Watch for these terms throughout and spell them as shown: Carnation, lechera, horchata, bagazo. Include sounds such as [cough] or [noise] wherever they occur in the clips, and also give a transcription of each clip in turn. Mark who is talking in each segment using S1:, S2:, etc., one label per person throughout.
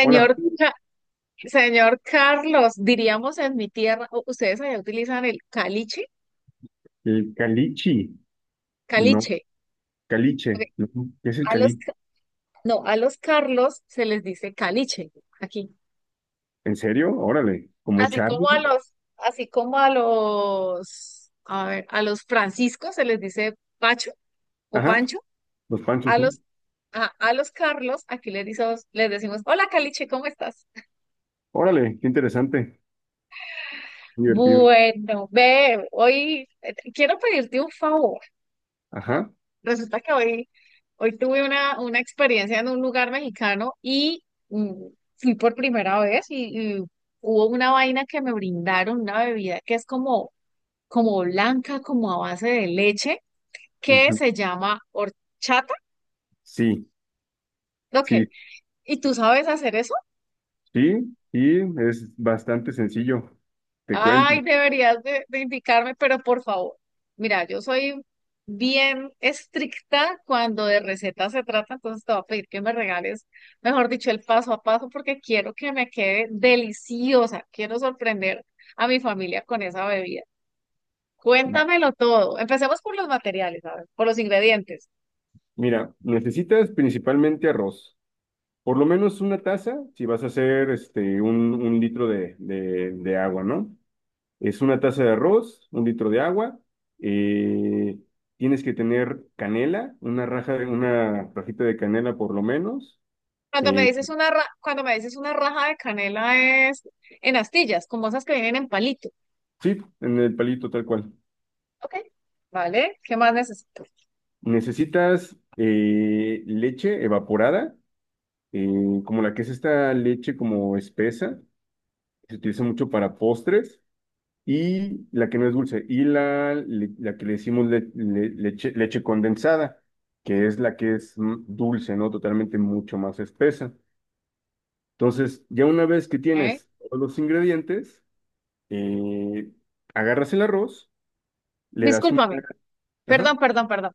S1: Hola,
S2: Ca- Señor Carlos, diríamos en mi tierra, ustedes allá utilizan el caliche,
S1: el calichi, no,
S2: caliche. Ok.
S1: caliche, no. ¿Qué es el
S2: A los,
S1: cali?
S2: ca- no, a los Carlos se les dice caliche aquí.
S1: ¿En serio? Órale, como
S2: Así como a
S1: Charlie.
S2: los, así como a los, a ver, a los Franciscos se les dice Pacho o
S1: Ajá,
S2: Pancho.
S1: los panchos,
S2: A
S1: ¿eh?
S2: los, a los Carlos aquí les decimos, hola caliche, ¿cómo estás?
S1: Órale, qué interesante, divertido.
S2: Bueno, ve, hoy quiero pedirte un favor.
S1: Ajá,
S2: Resulta que hoy, hoy tuve una experiencia en un lugar mexicano y fui por primera vez y hubo una vaina que me brindaron, una bebida que es como, como blanca, como a base de leche, que
S1: ujú.
S2: se llama horchata.
S1: Sí,
S2: Ok,
S1: sí,
S2: ¿y tú sabes hacer?
S1: sí, sí, es bastante sencillo, te cuento.
S2: Ay, deberías de indicarme, pero por favor. Mira, yo soy bien estricta cuando de recetas se trata, entonces te voy a pedir que me regales, mejor dicho, el paso a paso, porque quiero que me quede deliciosa. Quiero sorprender a mi familia con esa bebida.
S1: Va.
S2: Cuéntamelo todo. Empecemos por los materiales, a ver, por los ingredientes.
S1: Mira, necesitas principalmente arroz, por lo menos una taza si vas a hacer este, un litro de, de agua, ¿no? Es una taza de arroz, un litro de agua. eh, Tienes que tener canela, una raja, una rajita de canela por lo menos.
S2: Cuando me
S1: eh,
S2: dices cuando me dices una raja de canela, es en astillas, como esas que vienen en palito.
S1: sí, en el palito tal cual.
S2: Ok. ¿Vale? ¿Qué más necesito?
S1: Necesitas leche evaporada, como la que es esta leche como espesa, que se utiliza mucho para postres, y la que no es dulce, y la que le decimos leche condensada, que es la que es dulce, ¿no? Totalmente mucho más espesa. Entonces, ya una vez que
S2: Ok.
S1: tienes todos los ingredientes, eh, agarras el arroz, le das una,
S2: Discúlpame.
S1: ajá,
S2: Perdón, perdón, perdón.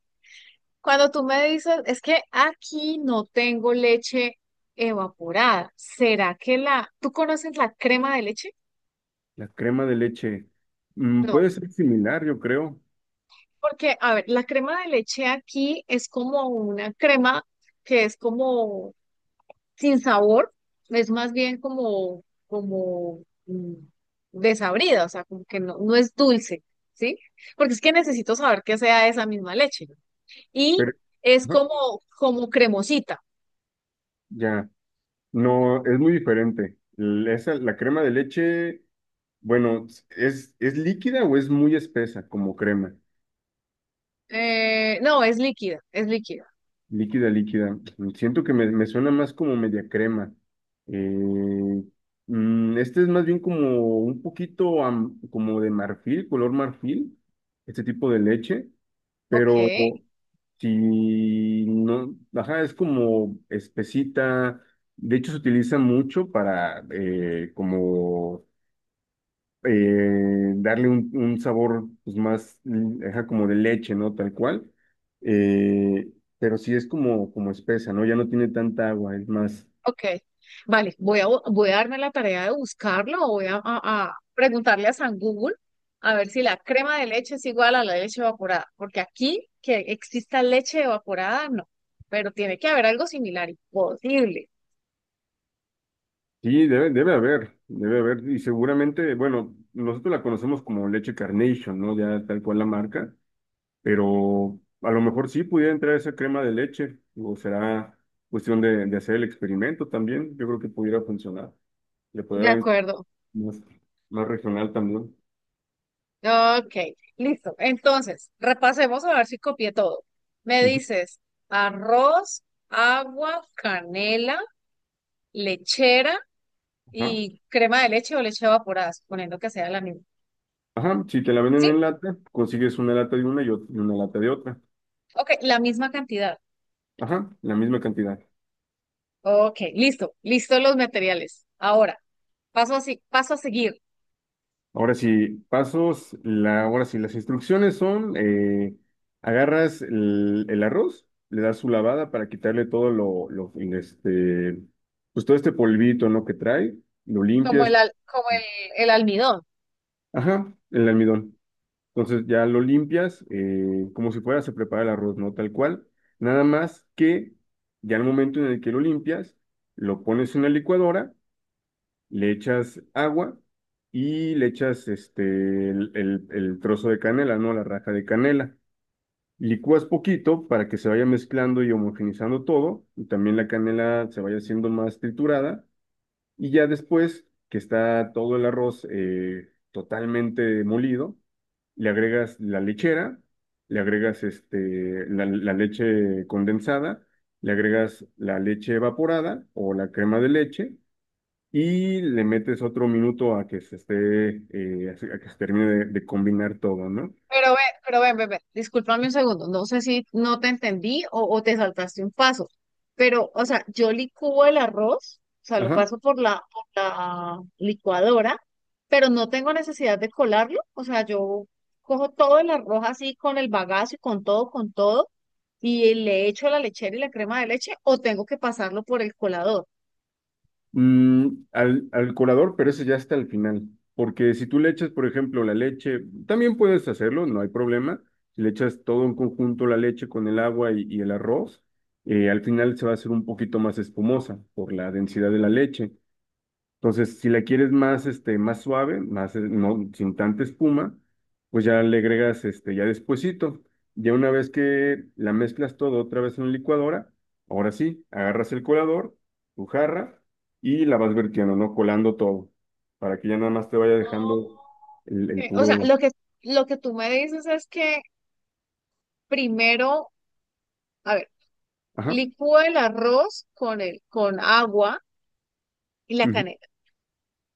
S2: Cuando tú me dices, es que aquí no tengo leche evaporada. ¿Será que la... ¿tú conoces la crema de leche?
S1: la crema de leche. Mm,
S2: No.
S1: puede ser similar, yo creo,
S2: Porque, a ver, la crema de leche aquí es como una crema que es como sin sabor, es más bien como, como, mm, desabrida, o sea, como que no, no es dulce, ¿sí? Porque es que necesito saber que sea esa misma leche, ¿no? Y
S1: pero
S2: es
S1: ajá,
S2: como, como cremosita.
S1: ya, no, es muy diferente. La crema de leche, bueno, ¿es líquida o es muy espesa como crema?
S2: No, es líquida, es líquida.
S1: Líquida, líquida. Siento que me suena más como media crema. Eh, este es más bien como un poquito como de marfil, color marfil, este tipo de leche,
S2: Ok,
S1: pero si no, ajá, es como espesita. De hecho, se utiliza mucho para como darle un sabor pues, más ajá, como de leche, ¿no? Tal cual. Eh, pero sí es como espesa, ¿no? Ya no tiene tanta agua, es más.
S2: ok. Vale, voy a, voy a darme la tarea de buscarlo o voy a, a preguntarle a San Google a ver si la crema de leche es igual a la leche evaporada, porque aquí que exista leche evaporada, no, pero tiene que haber algo similar, imposible.
S1: Sí, debe haber, debe haber. Y seguramente, bueno, nosotros la conocemos como leche Carnation, ¿no? Ya tal cual la marca, pero a lo mejor sí pudiera entrar esa crema de leche, o será cuestión de hacer el experimento también. Yo creo que pudiera funcionar. Le
S2: De
S1: podría dar
S2: acuerdo.
S1: más, más regional también.
S2: Ok, listo. Entonces, repasemos a ver si copié todo. Me
S1: Ujú.
S2: dices arroz, agua, canela, lechera
S1: Ajá.
S2: y crema de leche o leche evaporada, suponiendo que sea la misma.
S1: Ajá, si te la venden
S2: ¿Sí?
S1: en lata, consigues una lata de una y una lata de otra.
S2: Ok, la misma cantidad.
S1: Ajá, la misma cantidad.
S2: Ok, listo, listo los materiales. Ahora, paso así, paso a seguir,
S1: Ahora sí, pasos, ahora sí, las instrucciones son, agarras el arroz, le das su lavada para quitarle todo este, pues todo este polvito, ¿no? Que trae, lo
S2: como
S1: limpias,
S2: el, como el almidón.
S1: ajá, el almidón. Entonces ya lo limpias, como si fuera, se prepara el arroz, ¿no? Tal cual. Nada más que ya al momento en el que lo limpias, lo pones en la licuadora, le echas agua y le echas este, el trozo de canela, ¿no? La raja de canela. Licúas poquito para que se vaya mezclando y homogenizando todo, y también la canela se vaya haciendo más triturada, y ya después que está todo el arroz totalmente molido, le agregas la lechera, le agregas este, la leche condensada, le agregas la leche evaporada o la crema de leche, y le metes otro minuto a que se termine de combinar todo, ¿no?
S2: Pero ve, pero ven, ven, ven, discúlpame un segundo, no sé si no te entendí o te saltaste un paso, pero, o sea, yo licúo el arroz, o sea, lo
S1: Ajá.
S2: paso por la licuadora, pero no tengo necesidad de colarlo, o sea, yo cojo todo el arroz así con el bagazo y con todo, y le echo la lechera y la crema de leche, o tengo que pasarlo por el colador.
S1: Al colador, pero ese ya está al final, porque si tú le echas, por ejemplo, la leche, también puedes hacerlo, no hay problema. Si le echas todo en conjunto la leche con el agua y el arroz, al final se va a hacer un poquito más espumosa por la densidad de la leche. Entonces, si la quieres más, este, más suave, más, no, sin tanta espuma, pues ya le agregas, este, ya despuesito. Ya una vez que la mezclas todo otra vez en la licuadora, ahora sí, agarras el colador, tu jarra, y la vas vertiendo, ¿no? Colando todo, para que ya nada más te vaya dejando el
S2: Ok, o sea,
S1: puro.
S2: lo que tú me dices es que primero, a ver,
S1: Ajá,
S2: licúa el arroz con el, con agua y la
S1: ujú,
S2: canela.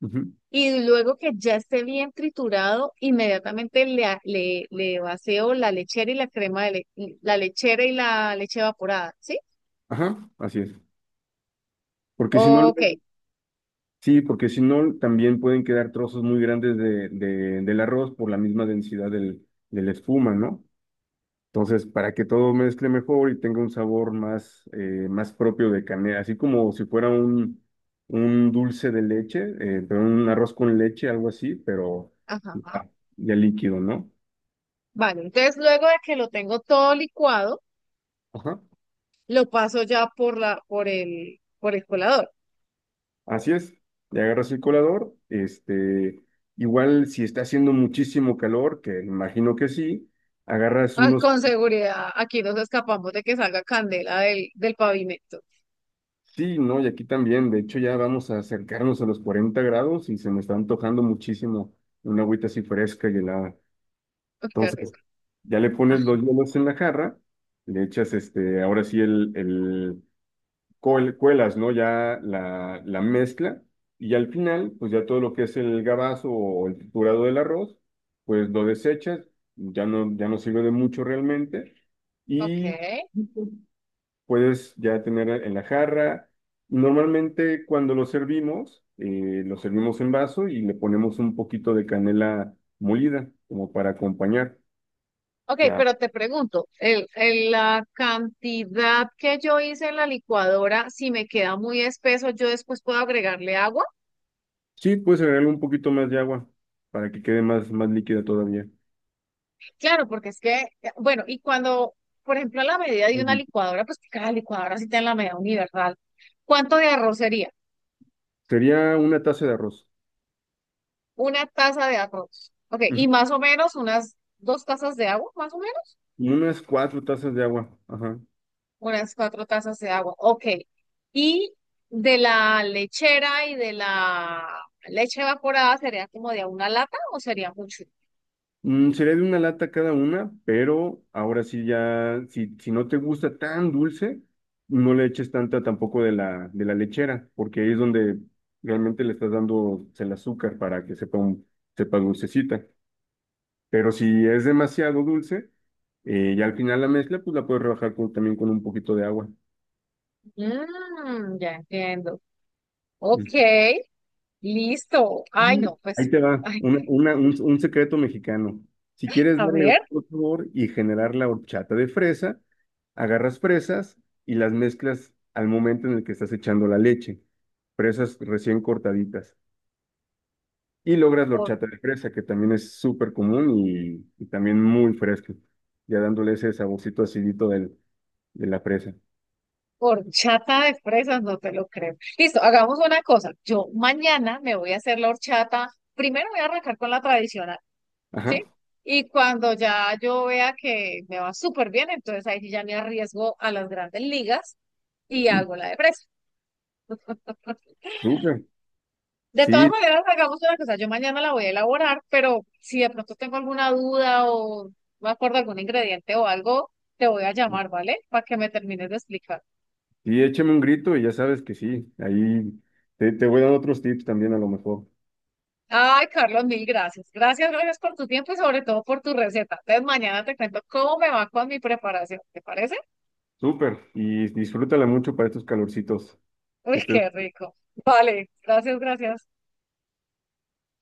S1: ujú,
S2: Y luego que ya esté bien triturado, inmediatamente le, le, le vacío la lechera y la crema de le- la lechera y la leche evaporada, ¿sí?
S1: ajá, así es. Porque si no,
S2: Ok,
S1: también pueden quedar trozos muy grandes del arroz por la misma densidad de la espuma, ¿no? Entonces, para que todo mezcle mejor y tenga un sabor más, más propio de canela, así como si fuera un, dulce de leche, pero un arroz con leche, algo así, pero
S2: ajá,
S1: ya, ya líquido, ¿no?
S2: vale. Entonces luego de que lo tengo todo licuado,
S1: Ajá,
S2: lo paso ya por la, por el colador.
S1: así es. Le agarras el colador, este, igual si está haciendo muchísimo calor, que imagino que sí, agarras
S2: Ay,
S1: unos,
S2: con seguridad, aquí nos escapamos de que salga candela del, del pavimento.
S1: sí, ¿no? Y aquí también, de hecho ya vamos a acercarnos a los 40 grados y se me está antojando muchísimo una agüita así fresca y helada.
S2: Uy, qué
S1: Entonces,
S2: rico.
S1: ya le
S2: Ah,
S1: pones los hielos en la jarra, le echas este, ahora sí cuelas, ¿no? Ya la mezcla y al final, pues ya todo lo que es el gabazo o el triturado del arroz, pues lo desechas, ya no, ya no sirve de mucho realmente
S2: ok.
S1: y puedes ya tener en la jarra. Normalmente cuando lo servimos en vaso y le ponemos un poquito de canela molida como para acompañar.
S2: Ok,
S1: Ya,
S2: pero te pregunto, el, la cantidad que yo hice en la licuadora, si me queda muy espeso, yo después puedo agregarle agua.
S1: sí, puedes agregarle un poquito más de agua para que quede más, más líquida todavía.
S2: Claro, porque es que, bueno, y cuando, por ejemplo, la medida de una
S1: Ujú.
S2: licuadora, pues que cada licuadora sí tiene la medida universal. ¿Cuánto de arroz sería?
S1: Sería una taza de arroz.
S2: Una taza de arroz. Ok,
S1: Ujú.
S2: y más o menos unas dos tazas de agua, más o menos.
S1: Unas 4 tazas de agua. Ajá.
S2: Unas cuatro tazas de agua, ok. Y de la lechera y de la leche evaporada sería como de a una lata o sería mucho.
S1: Sería de una lata cada una, pero ahora sí ya, si no te gusta tan dulce, no le eches tanta tampoco de la lechera, porque ahí es donde realmente le estás dando el azúcar para que sepa, sepa dulcecita. Pero si es demasiado dulce, ya al final la mezcla, pues la puedes rebajar también con un poquito de agua.
S2: Mm, ya entiendo. Ok, listo. Ay, no,
S1: Y
S2: pues,
S1: ahí te va,
S2: ay,
S1: un secreto mexicano. Si quieres
S2: a
S1: darle
S2: ver,
S1: otro sabor y generar la horchata de fresa, agarras fresas y las mezclas al momento en el que estás echando la leche. Fresas recién cortaditas. Y logras la
S2: por,
S1: horchata de fresa, que también es súper común y también muy fresca. Ya dándole ese saborcito acidito de la fresa.
S2: horchata de fresas, no te lo creo. Listo, hagamos una cosa. Yo mañana me voy a hacer la horchata. Primero voy a arrancar con la tradicional.
S1: Ajá,
S2: ¿Sí? Y cuando ya yo vea que me va súper bien, entonces ahí sí ya me arriesgo a las grandes ligas y hago la de presa. [laughs]
S1: súper.
S2: De todas
S1: Sí,
S2: maneras, hagamos una cosa, yo mañana la voy a elaborar, pero si de pronto tengo alguna duda o no me acuerdo algún ingrediente o algo, te voy a llamar, ¿vale? Para que me termines de explicar.
S1: sí, échame un grito y ya sabes que sí. Ahí te voy a dar otros tips también a lo mejor.
S2: Ay, Carlos, mil gracias. Gracias, gracias por tu tiempo y sobre todo por tu receta. Entonces mañana te cuento cómo me va con mi preparación. ¿Te parece?
S1: Súper, y disfrútala mucho para estos calorcitos. Que
S2: Uy,
S1: estés
S2: qué rico. Vale, gracias, gracias.